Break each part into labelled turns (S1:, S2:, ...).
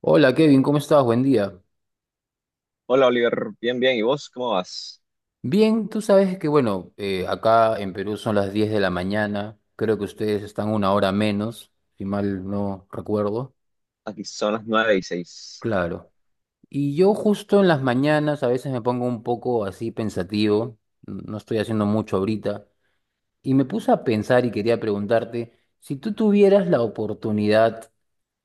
S1: Hola Kevin, ¿cómo estás? Buen día.
S2: Hola Oliver, bien, bien. ¿Y vos cómo vas?
S1: Bien, tú sabes que bueno, acá en Perú son las 10 de la mañana, creo que ustedes están una hora menos, si mal no recuerdo.
S2: Aquí son las nueve y seis.
S1: Claro. Y yo justo en las mañanas a veces me pongo un poco así pensativo, no estoy haciendo mucho ahorita, y me puse a pensar y quería preguntarte, si tú tuvieras la oportunidad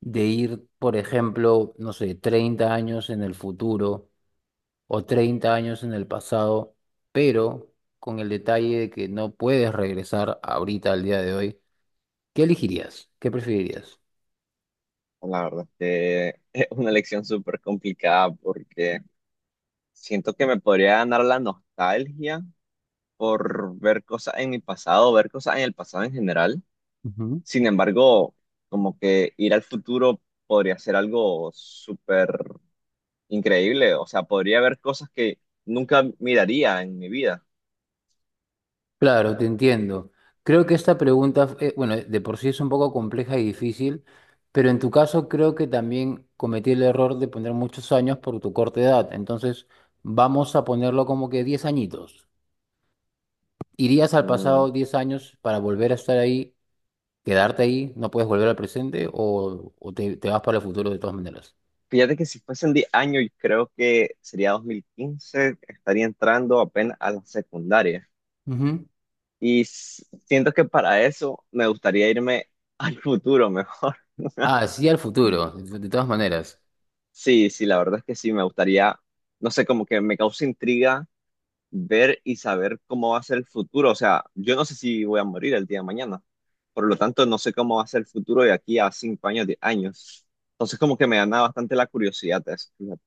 S1: de ir, por ejemplo, no sé, 30 años en el futuro, o 30 años en el pasado, pero con el detalle de que no puedes regresar ahorita al día de hoy, ¿qué elegirías? ¿Qué preferirías?
S2: La verdad que es una elección súper complicada porque siento que me podría ganar la nostalgia por ver cosas en mi pasado, ver cosas en el pasado en general.
S1: Ujú.
S2: Sin embargo, como que ir al futuro podría ser algo súper increíble. O sea, podría ver cosas que nunca miraría en mi vida.
S1: Claro, te entiendo. Creo que esta pregunta, bueno, de por sí es un poco compleja y difícil, pero en tu caso creo que también cometí el error de poner muchos años por tu corta edad. Entonces, vamos a ponerlo como que 10 añitos. ¿Irías al
S2: Mm,
S1: pasado 10 años para volver a estar ahí quedarte ahí, no puedes volver al presente o te vas para el futuro de todas maneras?
S2: Fíjate que si fuesen 10 años, yo creo que sería 2015, estaría entrando apenas a la secundaria.
S1: Ujú.
S2: Siento que para eso me gustaría irme al futuro mejor.
S1: Ah, sí, al futuro, de todas maneras.
S2: Sí, sí, la verdad es que sí, me gustaría, no sé, como que me causa intriga ver y saber cómo va a ser el futuro. O sea, yo no sé si voy a morir el día de mañana. Por lo tanto, no sé cómo va a ser el futuro de aquí a 5 años, 10 años. Entonces, como que me gana bastante la curiosidad de eso. Fíjate.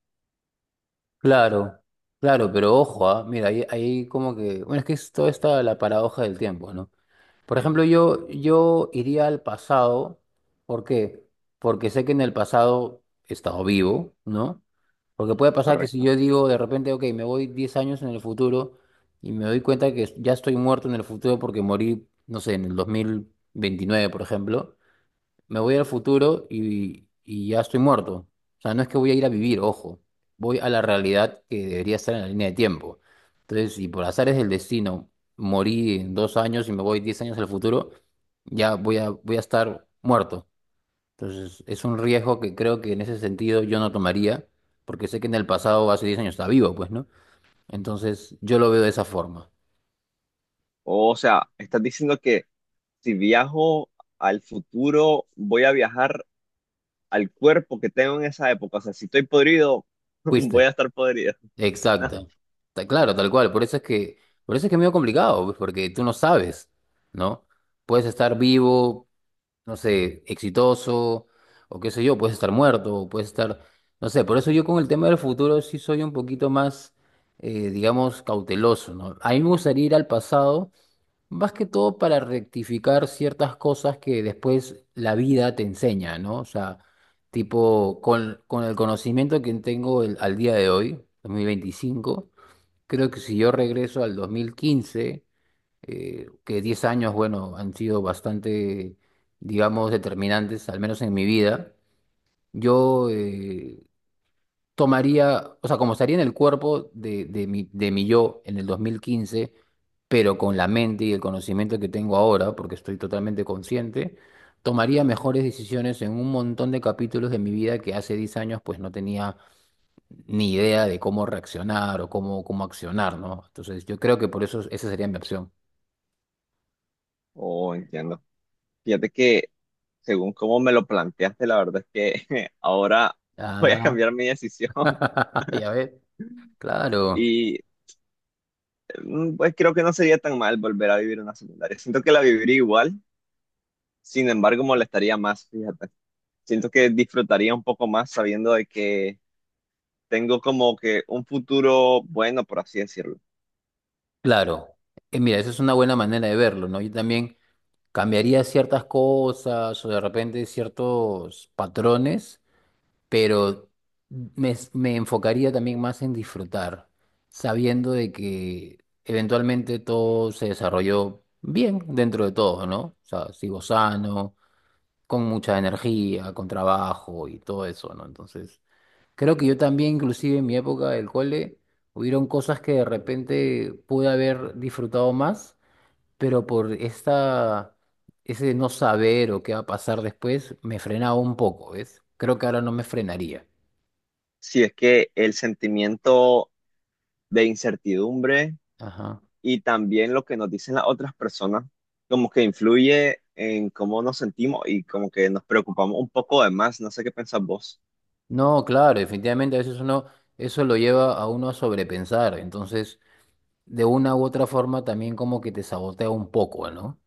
S1: Claro, claro, pero ojo, ah, mira, ahí como que, bueno, es que es toda esta la paradoja del tiempo, ¿no? Por ejemplo, yo iría al pasado, ¿por qué? Porque sé que en el pasado he estado vivo, ¿no? Porque puede pasar que si
S2: Correcto.
S1: yo digo de repente, ok, me voy 10 años en el futuro y me doy cuenta que ya estoy muerto en el futuro porque morí, no sé, en el 2029 por ejemplo, me voy al futuro y ya estoy muerto. O sea, no es que voy a ir a vivir, ojo. Voy a la realidad que debería estar en la línea de tiempo. Entonces, si por azares del destino morí en dos años y me voy diez años al futuro, ya voy a, voy a estar muerto. Entonces, es un riesgo que creo que en ese sentido yo no tomaría, porque sé que en el pasado, hace diez años, estaba vivo, pues, ¿no? Entonces, yo lo veo de esa forma.
S2: O sea, estás diciendo que si viajo al futuro, voy a viajar al cuerpo que tengo en esa época. O sea, si estoy podrido, voy
S1: ¿Fuiste?
S2: a estar podrido.
S1: Exacto. Ta- Claro, tal cual. Por eso es que es medio complicado, pues, porque tú no sabes, ¿no? Puedes estar vivo, no sé, exitoso, o qué sé yo, puedes estar muerto, o puedes estar, no sé, por eso yo con el tema del futuro sí soy un poquito más, digamos, cauteloso, ¿no? A mí me gustaría ir al pasado más que todo para rectificar ciertas cosas que después la vida te enseña, ¿no? O sea, tipo, con el conocimiento que tengo al día de hoy, 2025, creo que si yo regreso al 2015, que 10 años, bueno, han sido bastante, digamos, determinantes, al menos en mi vida, yo, tomaría, o sea, como estaría en el cuerpo de, de mi yo en el 2015, pero con la mente y el conocimiento que tengo ahora, porque estoy totalmente consciente, tomaría mejores decisiones en un montón de capítulos de mi vida que hace 10 años pues no tenía ni idea de cómo reaccionar o cómo, cómo accionar, ¿no? Entonces yo creo que por eso esa sería mi opción.
S2: Oh, entiendo. Fíjate que según cómo me lo planteaste, la verdad es que ahora voy a
S1: Ah,
S2: cambiar mi decisión.
S1: ya ves, claro,
S2: Y pues creo que no sería tan mal volver a vivir una secundaria. Siento que la viviría igual, sin embargo molestaría más, fíjate. Siento que disfrutaría un poco más sabiendo de que tengo como que un futuro bueno, por así decirlo.
S1: claro. Mira, esa es una buena manera de verlo, ¿no? Yo también cambiaría ciertas cosas o de repente ciertos patrones, pero me enfocaría también más en disfrutar, sabiendo de que eventualmente todo se desarrolló bien dentro de todo, ¿no? O sea, sigo sano, con mucha energía, con trabajo y todo eso, ¿no? Entonces, creo que yo también, inclusive en mi época del cole, hubieron cosas que de repente pude haber disfrutado más pero por esta, ese no saber o qué va a pasar después, me frenaba un poco, ¿ves? Creo que ahora no me frenaría.
S2: Si es que el sentimiento de incertidumbre
S1: Ajá.
S2: y también lo que nos dicen las otras personas, como que influye en cómo nos sentimos y como que nos preocupamos un poco de más. No sé qué pensás vos.
S1: No, claro, definitivamente a veces uno, eso lo lleva a uno a sobrepensar, entonces de una u otra forma también como que te sabotea un poco, ¿no?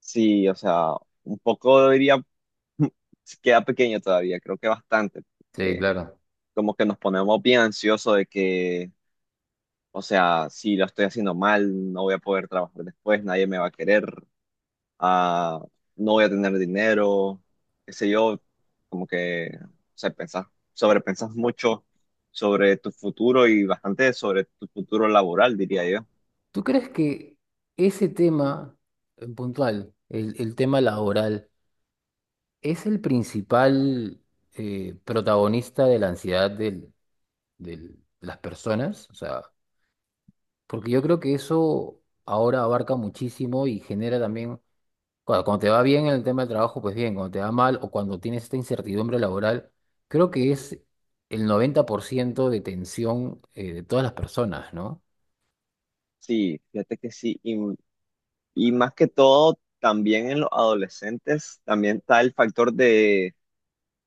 S2: Sí, o sea, un poco diría, queda pequeño todavía, creo que bastante.
S1: Sí,
S2: Porque
S1: claro.
S2: como que nos ponemos bien ansiosos de que... O sea, si lo estoy haciendo mal, no voy a poder trabajar después, nadie me va a querer, ah, no voy a tener dinero, qué sé yo, como que, o sea, pensás, sobrepensás mucho sobre tu futuro y bastante sobre tu futuro laboral, diría yo.
S1: ¿Tú crees que ese tema en puntual, el tema laboral, es el principal protagonista de la ansiedad del- de las personas? O sea, porque yo creo que eso ahora abarca muchísimo y genera también, cuando te va bien en el tema del trabajo, pues bien, cuando te va mal o cuando tienes esta incertidumbre laboral, creo que es el 90% de tensión de todas las personas, ¿no?
S2: Sí, fíjate que sí, y más que todo, también en los adolescentes, también está el factor de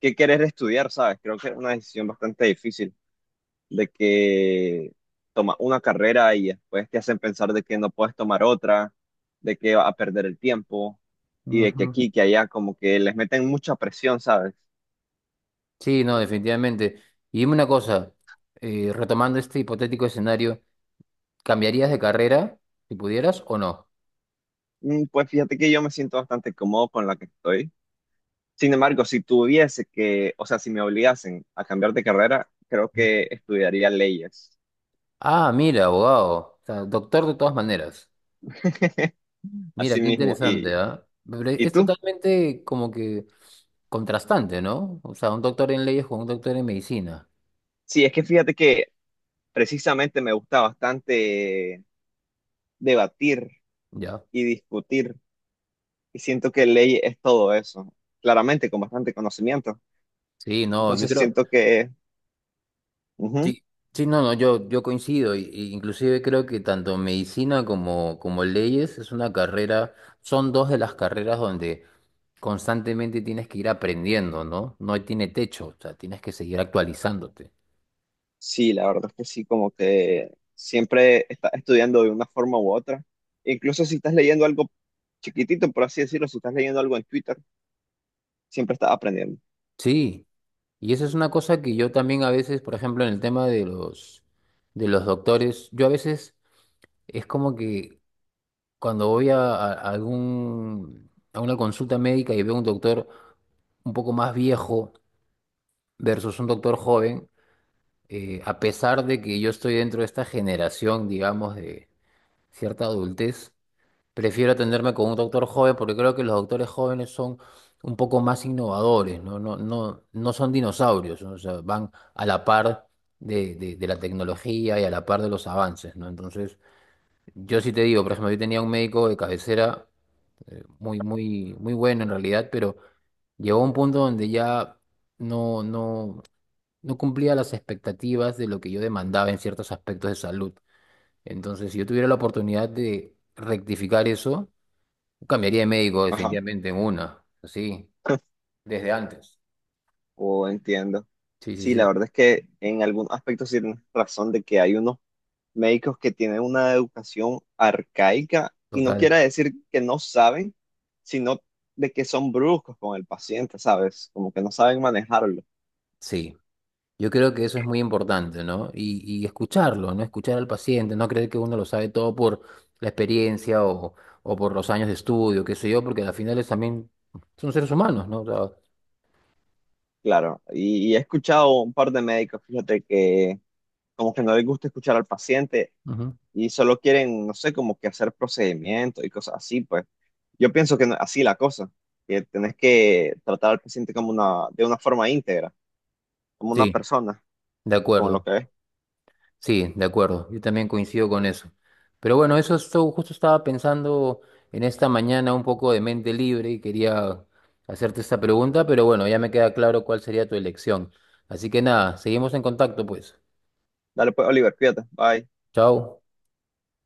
S2: qué querer estudiar, ¿sabes? Creo que es una decisión bastante difícil. De que tomas una carrera y después te hacen pensar de que no puedes tomar otra, de que vas a perder el tiempo y de que
S1: Ujú.
S2: aquí, que allá, como que les meten mucha presión, ¿sabes?
S1: Sí, no, definitivamente. Y dime una cosa, retomando este hipotético escenario, ¿cambiarías de carrera si pudieras o no?
S2: Pues fíjate que yo me siento bastante cómodo con la que estoy. Sin embargo, si tuviese que, o sea, si me obligasen a cambiar de carrera, creo
S1: Ujú.
S2: que estudiaría leyes.
S1: Ah, mira, abogado, o sea, doctor de todas maneras. Mira,
S2: Así
S1: qué
S2: mismo.
S1: interesante,
S2: ¿Y,
S1: ¿ah? Pero
S2: y
S1: es
S2: tú?
S1: totalmente como que contrastante, ¿no? O sea, un doctor en leyes con un doctor en medicina,
S2: Sí, es que fíjate que precisamente me gusta bastante debatir
S1: ¿ya?
S2: y discutir. Y siento que ley es todo eso, claramente con bastante conocimiento.
S1: Sí, no, yo
S2: Entonces
S1: creo,
S2: siento que, ujú,
S1: sí, sí, no, no, yo coincido, y inclusive creo que tanto medicina como, como leyes es una carrera, son dos de las carreras donde constantemente tienes que ir aprendiendo, ¿no? No tiene techo, o sea, tienes que seguir actualizándote.
S2: sí, la verdad es que sí, como que siempre estás estudiando de una forma u otra. Incluso si estás leyendo algo chiquitito, por así decirlo, si estás leyendo algo en Twitter, siempre estás aprendiendo.
S1: Sí. Y esa es una cosa que yo también a veces, por ejemplo, en el tema de los doctores, yo a veces es como que cuando voy a, a algún, a una consulta médica y veo un doctor un poco más viejo versus un doctor joven, a pesar de que yo estoy dentro de esta generación, digamos, de cierta adultez, prefiero atenderme con un doctor joven porque creo que los doctores jóvenes son un poco más innovadores, no son dinosaurios, ¿no? O sea, van a la par de, de la tecnología y a la par de los avances, ¿no? Entonces, yo sí te digo, por ejemplo, yo tenía un médico de cabecera muy, muy, muy bueno en realidad, pero llegó a un punto donde ya no, no, no cumplía las expectativas de lo que yo demandaba en ciertos aspectos de salud. Entonces, si yo tuviera la oportunidad de rectificar eso, cambiaría de médico
S2: Ajá.
S1: definitivamente en una, sí, desde antes.
S2: Oh, entiendo.
S1: Sí, sí,
S2: Sí, la
S1: sí,
S2: verdad es que en algún aspecto sí tienes razón de que hay unos médicos que tienen una educación arcaica y no
S1: total.
S2: quiere decir que no saben, sino de que son bruscos con el paciente, ¿sabes? Como que no saben manejarlo,
S1: Sí, yo creo que eso es muy importante, ¿no? Y escucharlo, ¿no? Escuchar al paciente, no creer que uno lo sabe todo por la experiencia o por los años de estudio, qué sé yo, porque al final es también son seres humanos, ¿no? O sea,
S2: claro. Y he escuchado un par de médicos, fíjate, que como que no les gusta escuchar al paciente
S1: ujú.
S2: y solo quieren, no sé, como que hacer procedimientos y cosas así, pues yo pienso que no- así la cosa, que tenés que tratar al paciente como una, de una forma íntegra, como una
S1: Sí,
S2: persona,
S1: de
S2: como
S1: acuerdo.
S2: lo que es.
S1: Sí, de acuerdo, yo también coincido con eso. Pero bueno, justo estaba pensando en esta mañana un poco de mente libre y quería hacerte esta pregunta, pero bueno, ya me queda claro cuál sería tu elección. Así que nada, seguimos en contacto pues.
S2: Dale pues, Oliver, cuídate, bye.
S1: Chao.